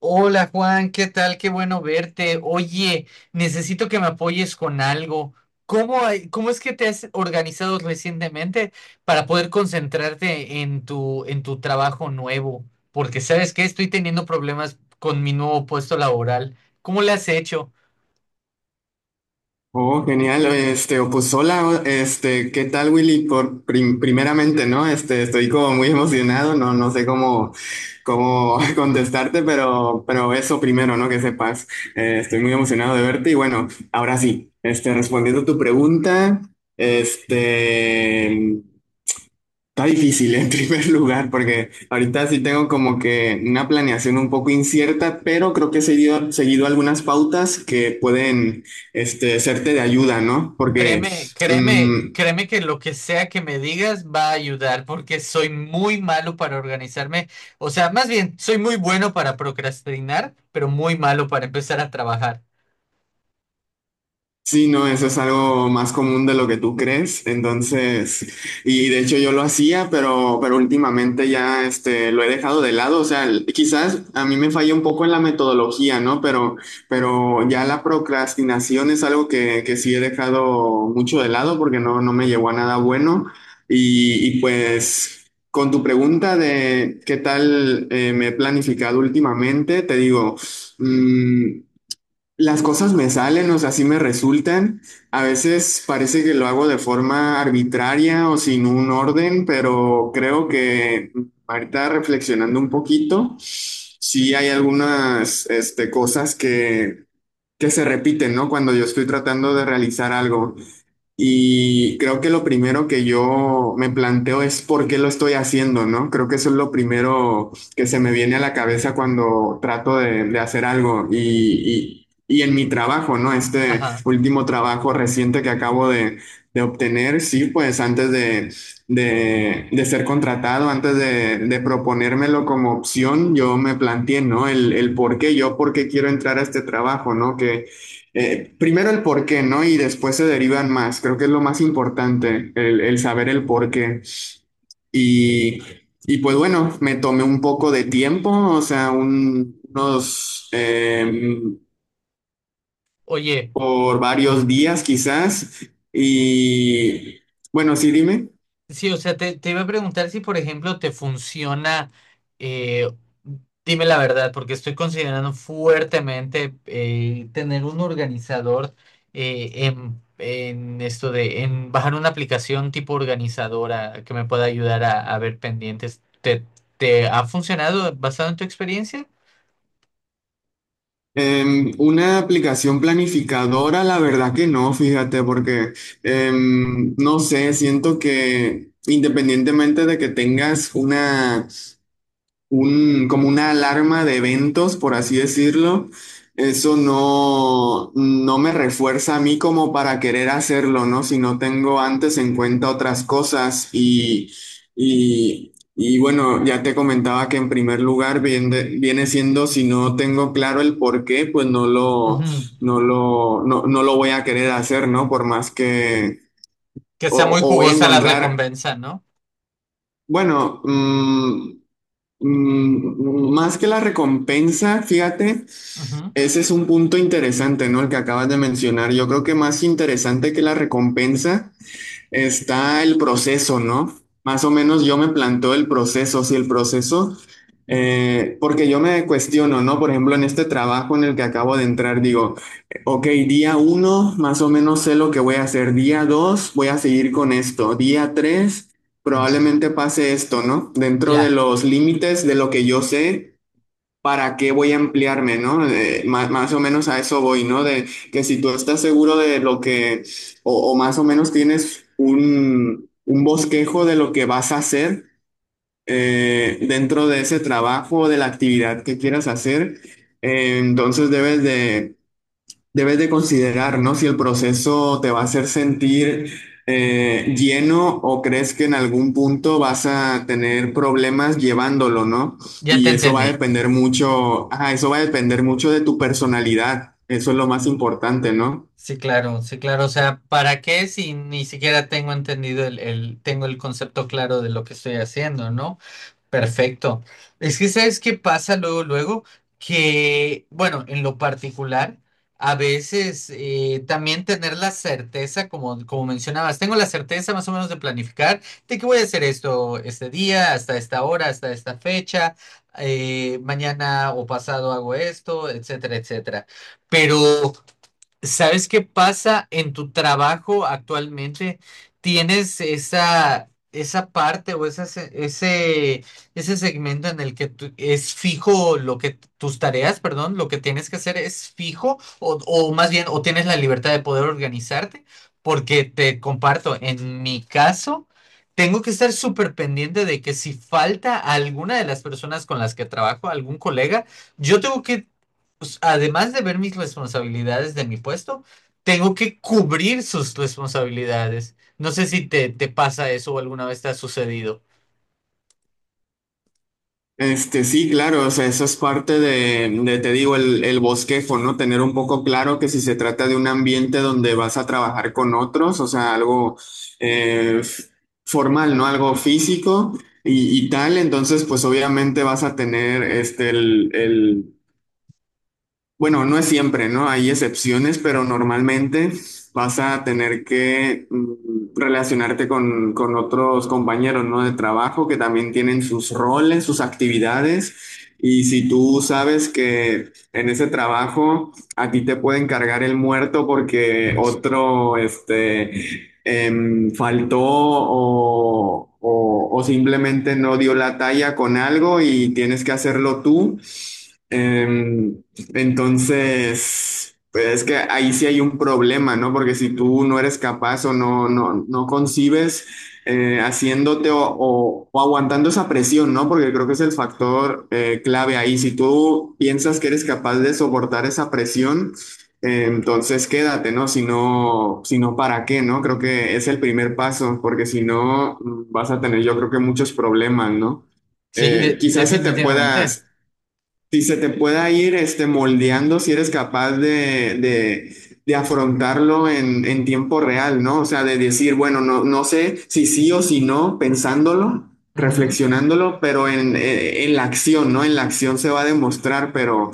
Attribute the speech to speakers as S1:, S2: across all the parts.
S1: Hola Juan, ¿qué tal? Qué bueno verte. Oye, necesito que me apoyes con algo. ¿Cómo, cómo es que te has organizado recientemente para poder concentrarte en tu trabajo nuevo? Porque sabes que estoy teniendo problemas con mi nuevo puesto laboral. ¿Cómo le has hecho?
S2: Oh, genial. Oye, este, o pues hola, ¿qué tal, Willy? Por primeramente, ¿no? Estoy como muy emocionado, no, no sé cómo contestarte, pero eso primero, ¿no? Que sepas. Estoy muy emocionado de verte. Y bueno, ahora sí, respondiendo a tu pregunta, este, está difícil en primer lugar porque ahorita sí tengo como que una planeación un poco incierta, pero creo que he seguido algunas pautas que pueden serte de ayuda, ¿no? Porque
S1: Créeme,
S2: mm,
S1: créeme, créeme que lo que sea que me digas va a ayudar porque soy muy malo para organizarme. O sea, más bien, soy muy bueno para procrastinar, pero muy malo para empezar a trabajar.
S2: Sí, no, eso es algo más común de lo que tú crees. Entonces, y de hecho yo lo hacía, pero últimamente ya lo he dejado de lado. O sea, quizás a mí me falla un poco en la metodología, ¿no? Pero ya la procrastinación es algo que sí he dejado mucho de lado porque no, no me llevó a nada bueno. Y pues, con tu pregunta de qué tal me he planificado últimamente, te digo, mm, las cosas me salen, o sea, así me resultan. A veces parece que lo hago de forma arbitraria o sin un orden, pero creo que ahorita, reflexionando un poquito, sí hay algunas cosas que se repiten, ¿no?, cuando yo estoy tratando de realizar algo. Y creo que lo primero que yo me planteo es por qué lo estoy haciendo, ¿no? Creo que eso es lo primero que se me viene a la cabeza cuando trato de hacer algo. Y en mi trabajo, ¿no? Este
S1: Ajá.
S2: último trabajo reciente que acabo de obtener. Sí, pues antes de ser contratado, antes de proponérmelo como opción, yo me planteé, ¿no?, el por qué. Yo por qué quiero entrar a este trabajo, ¿no? Que, primero el por qué, ¿no? Y después se derivan más. Creo que es lo más importante, el saber el por qué. Y, y pues bueno, me tomé un poco de tiempo, o sea, unos,
S1: Oye,
S2: por
S1: mm,
S2: varios días quizás. Y bueno, sí, dime.
S1: sí, o sea, te iba a preguntar si, por ejemplo, te funciona, eh, dime la verdad, porque estoy considerando fuertemente tener un organizador en esto de, en bajar una aplicación tipo organizadora que me pueda ayudar a ver pendientes. ¿Te, te ha funcionado basado en tu experiencia?
S2: Una aplicación planificadora, la verdad que no, fíjate, porque no sé, siento que, independientemente de que tengas como una alarma de eventos, por así decirlo, eso no, no me refuerza a mí como para querer hacerlo, ¿no?, si no tengo antes en cuenta otras cosas. Y bueno, ya te comentaba que, en primer lugar, viene siendo si no tengo claro el por qué, pues no lo,
S1: Ujú.
S2: no lo, no, no lo voy a querer hacer, ¿no? Por más que,
S1: Que sea
S2: o,
S1: muy
S2: o voy a
S1: jugosa la
S2: encontrar,
S1: recompensa, ¿no?
S2: bueno. Más que la recompensa, fíjate,
S1: Ujú.
S2: ese es un punto interesante, ¿no? El que acabas de mencionar. Yo creo que, más interesante que la recompensa, está el proceso, ¿no? Más o menos yo me planteo el proceso. Si el proceso, porque yo me cuestiono, ¿no? Por ejemplo, en este trabajo en el que acabo de entrar, digo, ok, día uno, más o menos sé lo que voy a hacer; día dos, voy a seguir con esto; día tres, probablemente pase esto, ¿no? Dentro de
S1: Ya,
S2: los límites de lo que yo sé. ¿Para qué voy a ampliarme, no? Más, o menos, a eso voy, ¿no? De que si tú estás seguro de lo que, o más o menos tienes un bosquejo de lo que vas a hacer dentro de ese trabajo o de la actividad que quieras hacer, entonces debes de debes de considerar, ¿no? Si el proceso te va a hacer sentir lleno o crees que en algún punto vas a tener problemas llevándolo, ¿no?
S1: ya te
S2: Y eso va a
S1: entendí.
S2: depender mucho, ajá, eso va a depender mucho de tu personalidad. Eso es lo más importante, ¿no?
S1: Sí, claro, sí, claro. O sea, ¿para qué si ni siquiera tengo entendido el, tengo el concepto claro de lo que estoy haciendo, ¿no? Perfecto. Es que, ¿sabes qué pasa luego, luego? Que, bueno, en lo particular, a veces también tener la certeza, como, como mencionabas, tengo la certeza más o menos de planificar de que voy a hacer esto este día, hasta esta hora, hasta esta fecha, mañana o pasado hago esto, etcétera, etcétera. Pero ¿sabes qué pasa en tu trabajo actualmente? ¿Tienes esa, esa parte o esa ese, ese segmento en el que es fijo lo que tus tareas, perdón, lo que tienes que hacer es fijo o más bien o tienes la libertad de poder organizarte? Porque te comparto, en mi caso, tengo que estar súper pendiente de que si falta alguna de las personas con las que trabajo, algún colega, yo tengo que pues, además de ver mis responsabilidades de mi puesto, tengo que cubrir sus responsabilidades. No sé si te pasa eso o alguna vez te ha sucedido.
S2: Este, sí, claro, o sea, eso es parte de, te digo, el bosquejo, ¿no? Tener un poco claro que si se trata de un ambiente donde vas a trabajar con otros, o sea, algo f- formal, ¿no? Algo físico y tal, entonces, pues obviamente vas a tener este, el, bueno, no es siempre, ¿no? Hay excepciones, pero normalmente vas a tener que mm, relacionarte con otros compañeros, ¿no? De trabajo que también tienen sus roles, sus actividades. Y si tú sabes que en ese trabajo a ti te pueden cargar el muerto porque
S1: Ujú.
S2: otro, este, em, faltó o simplemente no dio la talla con algo y tienes que hacerlo tú. Eh, entonces, pues es que ahí sí hay un problema, ¿no? Porque si tú no eres capaz o no, no, no concibes haciéndote o aguantando esa presión, ¿no? Porque creo que es el factor clave ahí. Si tú piensas que eres capaz de soportar esa presión, entonces quédate, ¿no? Si no, si no, ¿para qué, no? Creo que es el primer paso, porque si no, mm, vas a tener, yo creo que muchos problemas, ¿no?
S1: Sí,
S2: Quizás se te pueda,
S1: definitivamente.
S2: si se te pueda ir este, moldeando si eres capaz de afrontarlo en tiempo real, ¿no? O sea, de decir, bueno, no, no sé si sí o si no, pensándolo,
S1: Ujú.
S2: reflexionándolo, pero en la acción, ¿no? En la acción se va a demostrar,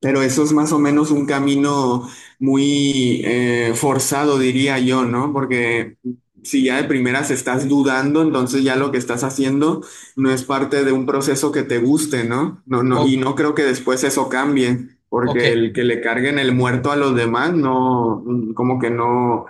S2: pero eso es más o menos un camino muy forzado, diría yo, ¿no? Porque si ya de primeras estás dudando, entonces ya lo que estás haciendo no es parte de un proceso que te guste, ¿no? No, no,
S1: O,
S2: y no creo que después eso cambie,
S1: ok.
S2: porque el que le carguen el muerto a los demás, no, como que no,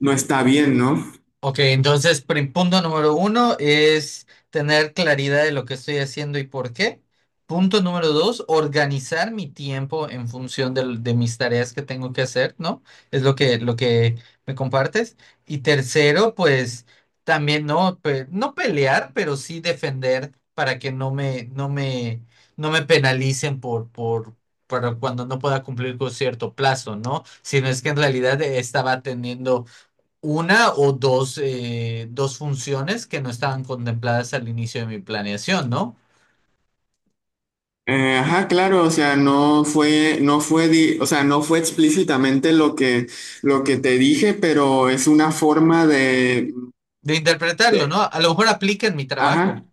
S2: no está bien, ¿no?
S1: Ok, entonces, punto número uno es tener claridad de lo que estoy haciendo y por qué. Punto número dos, organizar mi tiempo en función de mis tareas que tengo que hacer, ¿no? Es lo que me compartes. Y tercero, pues también no, no pelear, pero sí defender para que no me, no me, no me penalicen por cuando no pueda cumplir con cierto plazo, ¿no? Sino es que en realidad estaba teniendo una o dos, dos funciones que no estaban contempladas al inicio de mi planeación, ¿no?
S2: Ajá, claro, o sea, no fue, no fue, di- o sea, no fue explícitamente lo que te dije, pero es una forma
S1: De interpretarlo,
S2: de,
S1: ¿no? A lo mejor aplica en mi trabajo.
S2: ajá.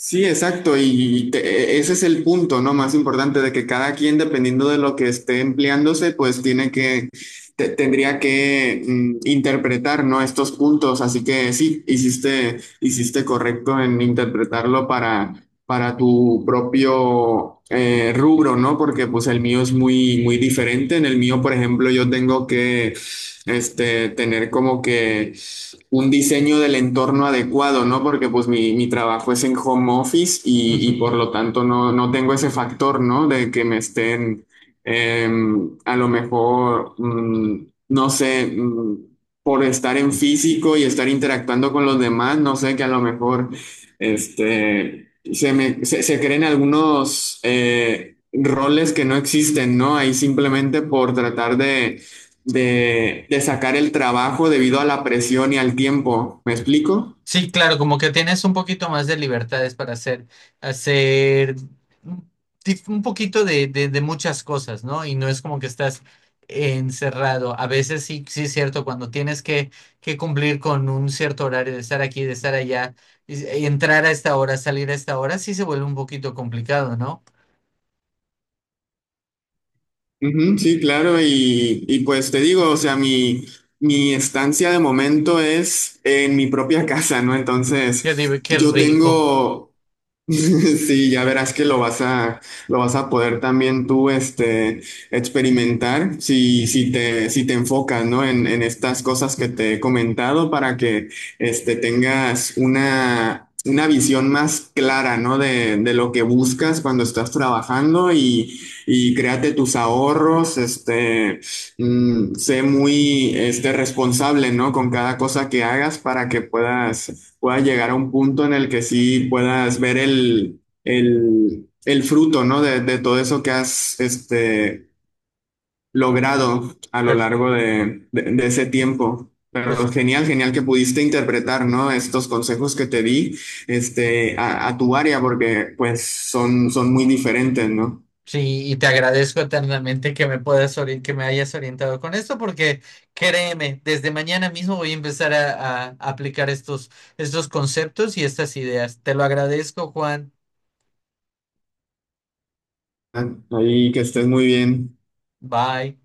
S2: Sí, exacto, y te- ese es el punto, ¿no? Más importante de que cada quien, dependiendo de lo que esté empleándose, pues tiene que, te- tendría que mm, interpretar, ¿no? Estos puntos, así que sí, hiciste, hiciste correcto en interpretarlo para tu propio rubro, ¿no? Porque pues el mío es muy, muy diferente. En el mío, por ejemplo, yo tengo que, este, tener como que un diseño del entorno adecuado, ¿no? Porque pues mi trabajo es en home office y por
S1: Ujú.
S2: lo tanto no, no tengo ese factor, ¿no? De que me estén eh, a lo mejor, mm, no sé, mm, por estar en físico y estar interactuando con los demás, no sé, que a lo mejor este, se, me, se creen algunos roles que no existen, ¿no? Ahí simplemente por tratar de sacar el trabajo debido a la presión y al tiempo. ¿Me explico?
S1: Sí, claro, como que tienes un poquito más de libertades para hacer, hacer un un poquito de, de muchas cosas, ¿no? Y no es como que estás encerrado. A veces sí, sí es cierto, cuando tienes que cumplir con un cierto horario de estar aquí, de estar allá, y entrar a esta hora, salir a esta hora, sí se vuelve un poquito complicado, ¿no?
S2: Ujú, sí, claro, y pues te digo, o sea, mi estancia de momento es en mi propia casa, ¿no?
S1: Yo digo,
S2: Entonces,
S1: qué
S2: yo
S1: rico.
S2: tengo Sí, ya verás que lo vas a poder también tú, este, experimentar si, si te, si te enfocas, ¿no? En estas cosas que te he comentado para que, este, tengas una visión más clara, ¿no? De lo que buscas cuando estás trabajando y créate tus ahorros, este, mm, sé muy, este, responsable, ¿no? Con cada cosa que hagas para que puedas puedas llegar a un punto en el que sí puedas ver el fruto, ¿no? De todo eso que has este, logrado a lo
S1: Pues,
S2: largo de ese tiempo.
S1: pues
S2: Pero genial, genial que pudiste interpretar, ¿no? Estos consejos que te di, este, a tu área, porque pues son, son muy diferentes, ¿no?
S1: sí, y te agradezco eternamente que me puedas que me hayas orientado con esto, porque créeme, desde mañana mismo voy a empezar a aplicar estos, estos conceptos y estas ideas. Te lo agradezco, Juan.
S2: Ahí que estés muy bien.
S1: Bye.